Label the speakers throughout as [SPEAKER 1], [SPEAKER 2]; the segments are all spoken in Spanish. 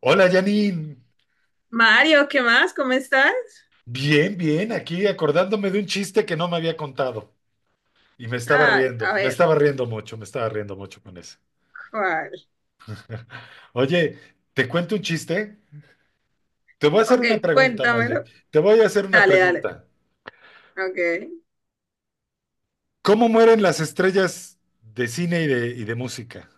[SPEAKER 1] Hola Janine,
[SPEAKER 2] Mario, ¿qué más? ¿Cómo estás?
[SPEAKER 1] bien, bien, aquí acordándome de un chiste que no me había contado y me estaba
[SPEAKER 2] Ay,
[SPEAKER 1] riendo,
[SPEAKER 2] a ver,
[SPEAKER 1] me estaba riendo mucho con ese.
[SPEAKER 2] ¿cuál?
[SPEAKER 1] Oye, ¿te cuento un chiste? Te voy a hacer
[SPEAKER 2] Ok,
[SPEAKER 1] una pregunta más bien,
[SPEAKER 2] cuéntamelo.
[SPEAKER 1] te voy a hacer una
[SPEAKER 2] Dale, dale.
[SPEAKER 1] pregunta.
[SPEAKER 2] Ok.
[SPEAKER 1] ¿Cómo mueren las estrellas de cine y de música?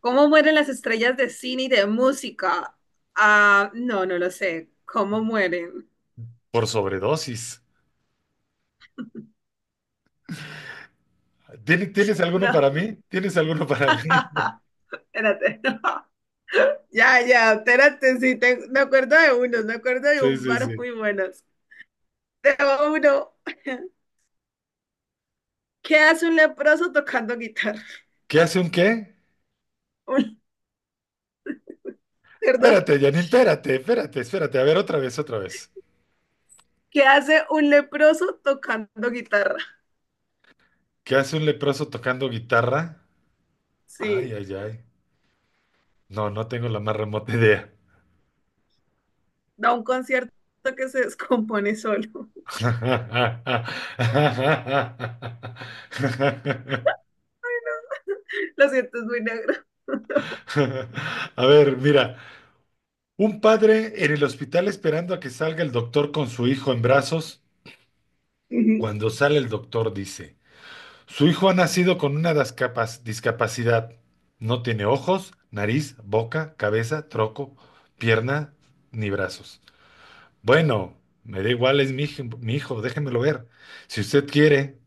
[SPEAKER 2] ¿Cómo mueren las estrellas de cine y de música? Ah, no, no lo sé. ¿Cómo mueren?
[SPEAKER 1] Por sobredosis. ¿Tienes alguno para
[SPEAKER 2] No.
[SPEAKER 1] mí? ¿Tienes alguno para mí?
[SPEAKER 2] Espérate, no. Ya, ya, espérate, sí, me acuerdo de unos, me acuerdo de
[SPEAKER 1] Sí,
[SPEAKER 2] un
[SPEAKER 1] sí,
[SPEAKER 2] par
[SPEAKER 1] sí.
[SPEAKER 2] muy buenos. Tengo uno. ¿Qué hace un leproso tocando guitarra?
[SPEAKER 1] ¿Qué hace un qué?
[SPEAKER 2] Un- perdón.
[SPEAKER 1] Espérate, Janine, espérate. A ver, otra vez.
[SPEAKER 2] ¿Qué hace un leproso tocando guitarra?
[SPEAKER 1] ¿Qué hace un leproso tocando guitarra? Ay,
[SPEAKER 2] Sí.
[SPEAKER 1] ay, ay. No, no tengo la más remota idea.
[SPEAKER 2] Da un concierto que se descompone solo. Lo siento, es muy negro.
[SPEAKER 1] A ver, mira, un padre en el hospital esperando a que salga el doctor con su hijo en brazos.
[SPEAKER 2] Ujú.
[SPEAKER 1] Cuando sale el doctor dice, su hijo ha nacido con una discapacidad. No tiene ojos, nariz, boca, cabeza, troco, pierna, ni brazos. Bueno, me da igual, es mi hijo, déjemelo ver. Si usted quiere.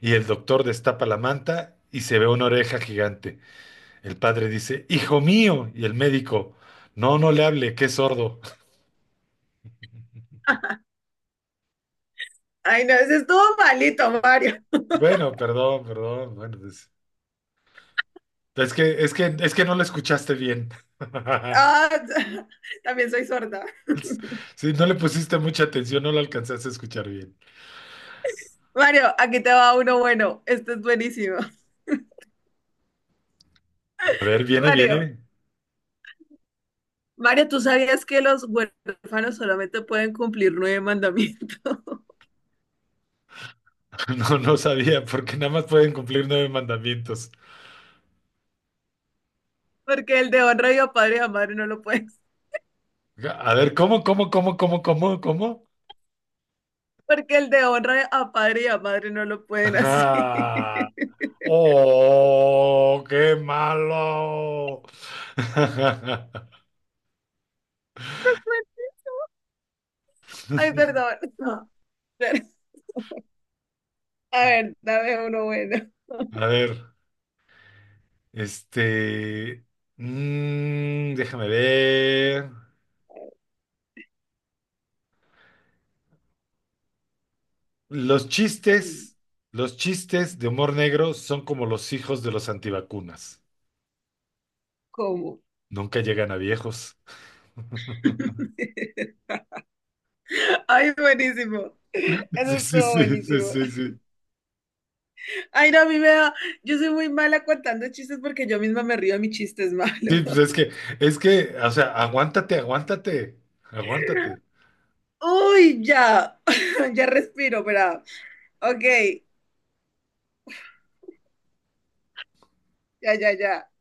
[SPEAKER 1] Y el doctor destapa la manta y se ve una oreja gigante. El padre dice, hijo mío, y el médico, no, no le hable, que es sordo.
[SPEAKER 2] Ay, no, ese estuvo malito, Mario.
[SPEAKER 1] Bueno, perdón, perdón, bueno, pues, es que no lo escuchaste bien.
[SPEAKER 2] Ah, también soy sorda.
[SPEAKER 1] Si no le pusiste mucha atención, no lo alcanzaste a escuchar bien.
[SPEAKER 2] Mario, aquí te va uno bueno. Este es buenísimo.
[SPEAKER 1] A ver,
[SPEAKER 2] Mario,
[SPEAKER 1] viene.
[SPEAKER 2] Mario, ¿tú sabías que los huérfanos solamente pueden cumplir nueve mandamientos?
[SPEAKER 1] No, no sabía, porque nada más pueden cumplir nueve mandamientos.
[SPEAKER 2] Porque el de honra y a padre y a madre no lo pueden.
[SPEAKER 1] A ver, ¿ cómo?
[SPEAKER 2] Porque el de honra a padre y a madre no lo pueden así.
[SPEAKER 1] Ah. ¡Oh, qué malo!
[SPEAKER 2] Ay, perdón. No. A ver, dame uno bueno.
[SPEAKER 1] A ver, este... déjame ver. Los chistes, los chistes de humor negro son como los hijos de los antivacunas.
[SPEAKER 2] ¿Cómo?
[SPEAKER 1] Nunca llegan a viejos.
[SPEAKER 2] Ay, buenísimo. Eso
[SPEAKER 1] Sí, sí,
[SPEAKER 2] estuvo
[SPEAKER 1] sí, sí,
[SPEAKER 2] buenísimo.
[SPEAKER 1] sí, sí.
[SPEAKER 2] Ay, no, a mí me da… Yo soy muy mala contando chistes porque yo misma me río de mis chistes
[SPEAKER 1] Sí,
[SPEAKER 2] malos.
[SPEAKER 1] pues es que, o sea, aguántate.
[SPEAKER 2] Uy, ya. Ya respiro, pero… Ok, ya, ya, ya.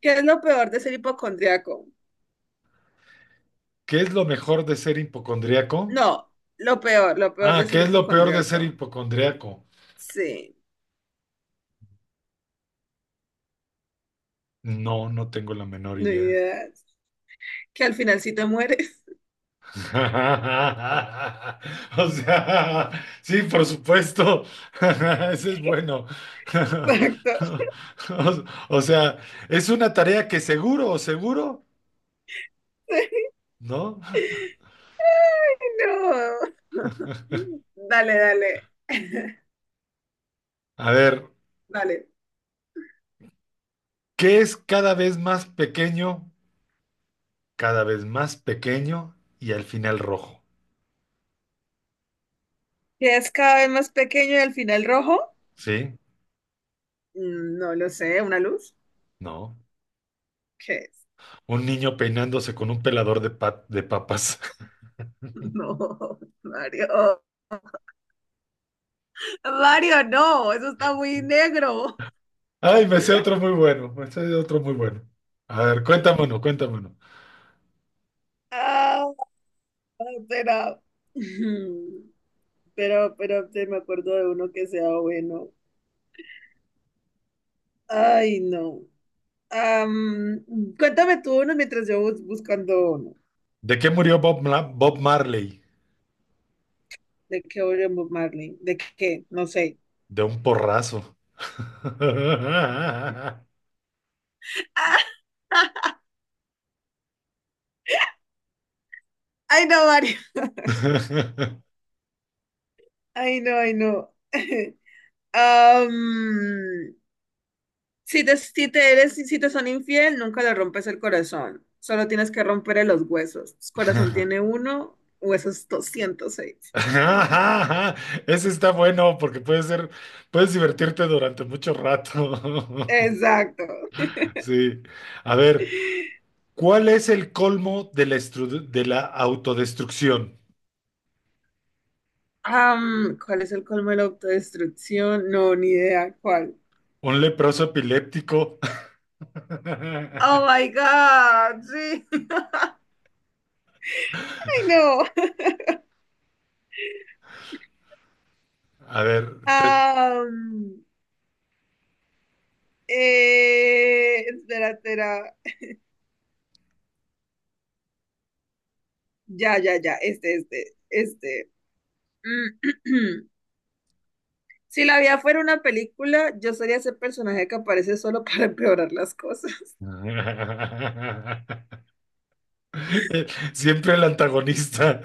[SPEAKER 2] ¿Qué es lo peor de ser hipocondriaco?
[SPEAKER 1] ¿Qué es lo mejor de ser hipocondríaco?
[SPEAKER 2] No, lo peor
[SPEAKER 1] Ah,
[SPEAKER 2] de
[SPEAKER 1] ¿qué
[SPEAKER 2] ser
[SPEAKER 1] es lo peor de ser
[SPEAKER 2] hipocondriaco.
[SPEAKER 1] hipocondriaco?
[SPEAKER 2] Sí,
[SPEAKER 1] No, no tengo la menor
[SPEAKER 2] no hay
[SPEAKER 1] idea.
[SPEAKER 2] ideas. Que al final sí te mueres.
[SPEAKER 1] O sea, sí, por supuesto. Ese es bueno.
[SPEAKER 2] Exacto.
[SPEAKER 1] O sea, es una tarea que seguro, ¿no?
[SPEAKER 2] Ay no. Dale, dale,
[SPEAKER 1] A ver,
[SPEAKER 2] dale.
[SPEAKER 1] ¿qué es cada vez más pequeño, ¿cada vez más pequeño y al final rojo?
[SPEAKER 2] ¿Qué es cada vez más pequeño y al final rojo?
[SPEAKER 1] ¿Sí?
[SPEAKER 2] Mm, no lo sé, ¿una luz?
[SPEAKER 1] No.
[SPEAKER 2] ¿Qué es?
[SPEAKER 1] Un niño peinándose con un pelador de papas.
[SPEAKER 2] No, Mario. Mario, no, eso está muy negro.
[SPEAKER 1] Ay, me sé otro muy bueno. A ver, cuéntame uno.
[SPEAKER 2] Ah, será. Ujú. Pero se me acuerdo de uno que sea bueno. Ay, no. Am, cuéntame tú uno mientras yo buscando uno.
[SPEAKER 1] ¿De qué murió Bob Marley?
[SPEAKER 2] ¿De qué oye Bob Marley? ¿De qué? No sé.
[SPEAKER 1] De un porrazo.
[SPEAKER 2] Ay, no, Mario. Ay, no, ay, no. Am, si te son infiel, nunca le rompes el corazón. Solo tienes que romperle los huesos. Corazón tiene uno, huesos 206.
[SPEAKER 1] Ese está bueno porque puedes divertirte durante mucho rato.
[SPEAKER 2] Exacto.
[SPEAKER 1] Sí. A ver, ¿cuál es el colmo de la autodestrucción?
[SPEAKER 2] ¿Cuál es el colmo de la autodestrucción? No, ni idea cuál.
[SPEAKER 1] ¿Un leproso epiléptico?
[SPEAKER 2] Oh my God, sí. Ay, no.
[SPEAKER 1] A ver, te-
[SPEAKER 2] Am, espera, espera. Ya, ya, ya. Este, este, este. Mm, si la vida fuera una película, yo sería ese personaje que aparece solo para empeorar las cosas.
[SPEAKER 1] Siempre el antagonista.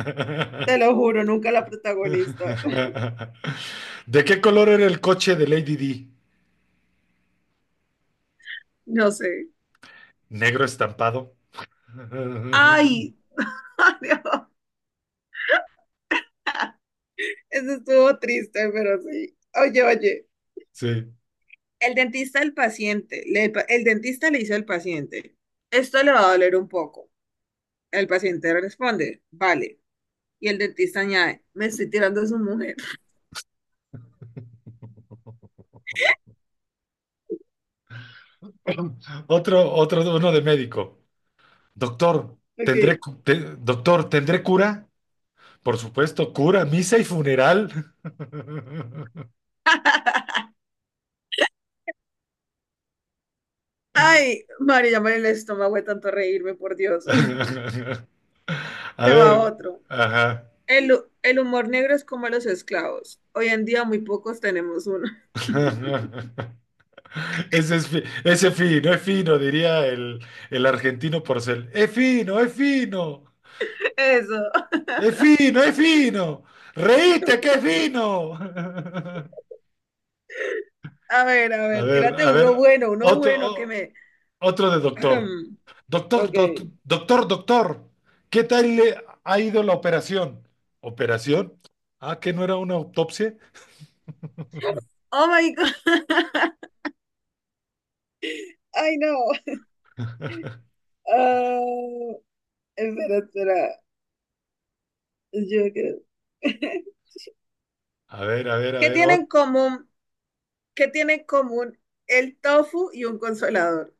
[SPEAKER 2] Te lo juro, nunca la protagonista.
[SPEAKER 1] ¿De qué color era el coche de Lady D?
[SPEAKER 2] No sé.
[SPEAKER 1] Negro estampado.
[SPEAKER 2] Ay, ay, no. Eso estuvo triste, pero sí. Oye, oye.
[SPEAKER 1] Sí.
[SPEAKER 2] El dentista le dice al paciente, esto le va a doler un poco. El paciente responde, vale. Y el dentista añade, me estoy tirando a su mujer.
[SPEAKER 1] Otro, uno de médico. Doctor,
[SPEAKER 2] Ok.
[SPEAKER 1] doctor, ¿tendré cura? Por supuesto, cura, misa y funeral.
[SPEAKER 2] Ay, María, ya el estómago de tanto reírme, por Dios.
[SPEAKER 1] A
[SPEAKER 2] Te va
[SPEAKER 1] ver,
[SPEAKER 2] otro.
[SPEAKER 1] ajá.
[SPEAKER 2] El humor negro es como los esclavos. Hoy en día muy pocos tenemos uno.
[SPEAKER 1] Ese fino, es fino, diría el argentino Porcel. Es fino,
[SPEAKER 2] Eso.
[SPEAKER 1] es fino. Reíste, que es fino.
[SPEAKER 2] A ver, tírate
[SPEAKER 1] A ver,
[SPEAKER 2] uno
[SPEAKER 1] otro,
[SPEAKER 2] bueno que
[SPEAKER 1] o-
[SPEAKER 2] me…
[SPEAKER 1] otro de doctor.
[SPEAKER 2] Ok.
[SPEAKER 1] Doctor, ¿qué tal le ha ido la operación? ¿Operación? Ah, que no era una autopsia.
[SPEAKER 2] Oh my God. Ay, no. Ah, espera, espera. Yo creo.
[SPEAKER 1] A
[SPEAKER 2] ¿Qué
[SPEAKER 1] ver.
[SPEAKER 2] tienen
[SPEAKER 1] Ot-
[SPEAKER 2] en común? ¿Qué tienen en común el tofu y un consolador?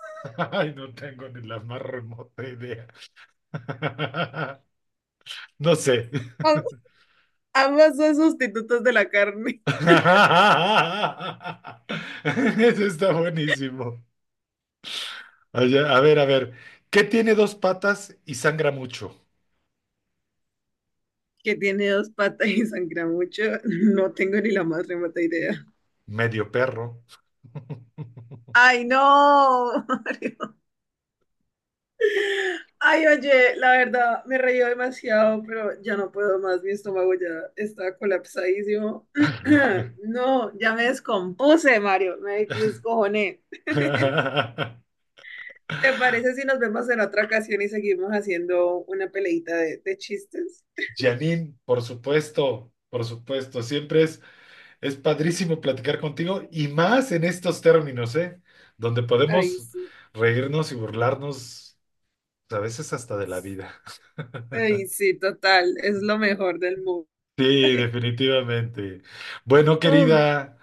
[SPEAKER 1] Ay, no tengo ni la más remota idea. No sé.
[SPEAKER 2] Ambas son sustitutos de la carne.
[SPEAKER 1] Eso está buenísimo. Oye, a ver. ¿Qué tiene dos patas y sangra mucho?
[SPEAKER 2] Que tiene dos patas y sangra mucho. No tengo ni la más remota idea.
[SPEAKER 1] Medio perro.
[SPEAKER 2] Ay, no, Mario. Ay, oye, la verdad, me reí demasiado, pero ya no puedo más. Mi estómago ya está colapsadísimo. No, ya me descompuse, Mario. Me descojoné. ¿Te parece si nos vemos en otra ocasión y seguimos haciendo una peleita de chistes?
[SPEAKER 1] Janine, por supuesto, por supuesto. Es padrísimo platicar contigo y más en estos términos, ¿eh? Donde
[SPEAKER 2] Ay,
[SPEAKER 1] podemos
[SPEAKER 2] sí.
[SPEAKER 1] reírnos y burlarnos a veces hasta de la vida.
[SPEAKER 2] Ay, sí, total. Es lo mejor del mundo.
[SPEAKER 1] Sí, definitivamente. Bueno,
[SPEAKER 2] Uy,
[SPEAKER 1] querida,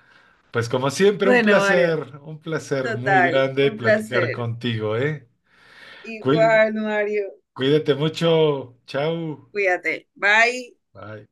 [SPEAKER 1] pues como siempre,
[SPEAKER 2] bueno, Mario,
[SPEAKER 1] un placer muy
[SPEAKER 2] total,
[SPEAKER 1] grande
[SPEAKER 2] un
[SPEAKER 1] platicar
[SPEAKER 2] placer.
[SPEAKER 1] contigo, ¿eh? Cuí-
[SPEAKER 2] Igual, Mario,
[SPEAKER 1] Cuídate mucho. Chao.
[SPEAKER 2] cuídate. Bye.
[SPEAKER 1] Bye.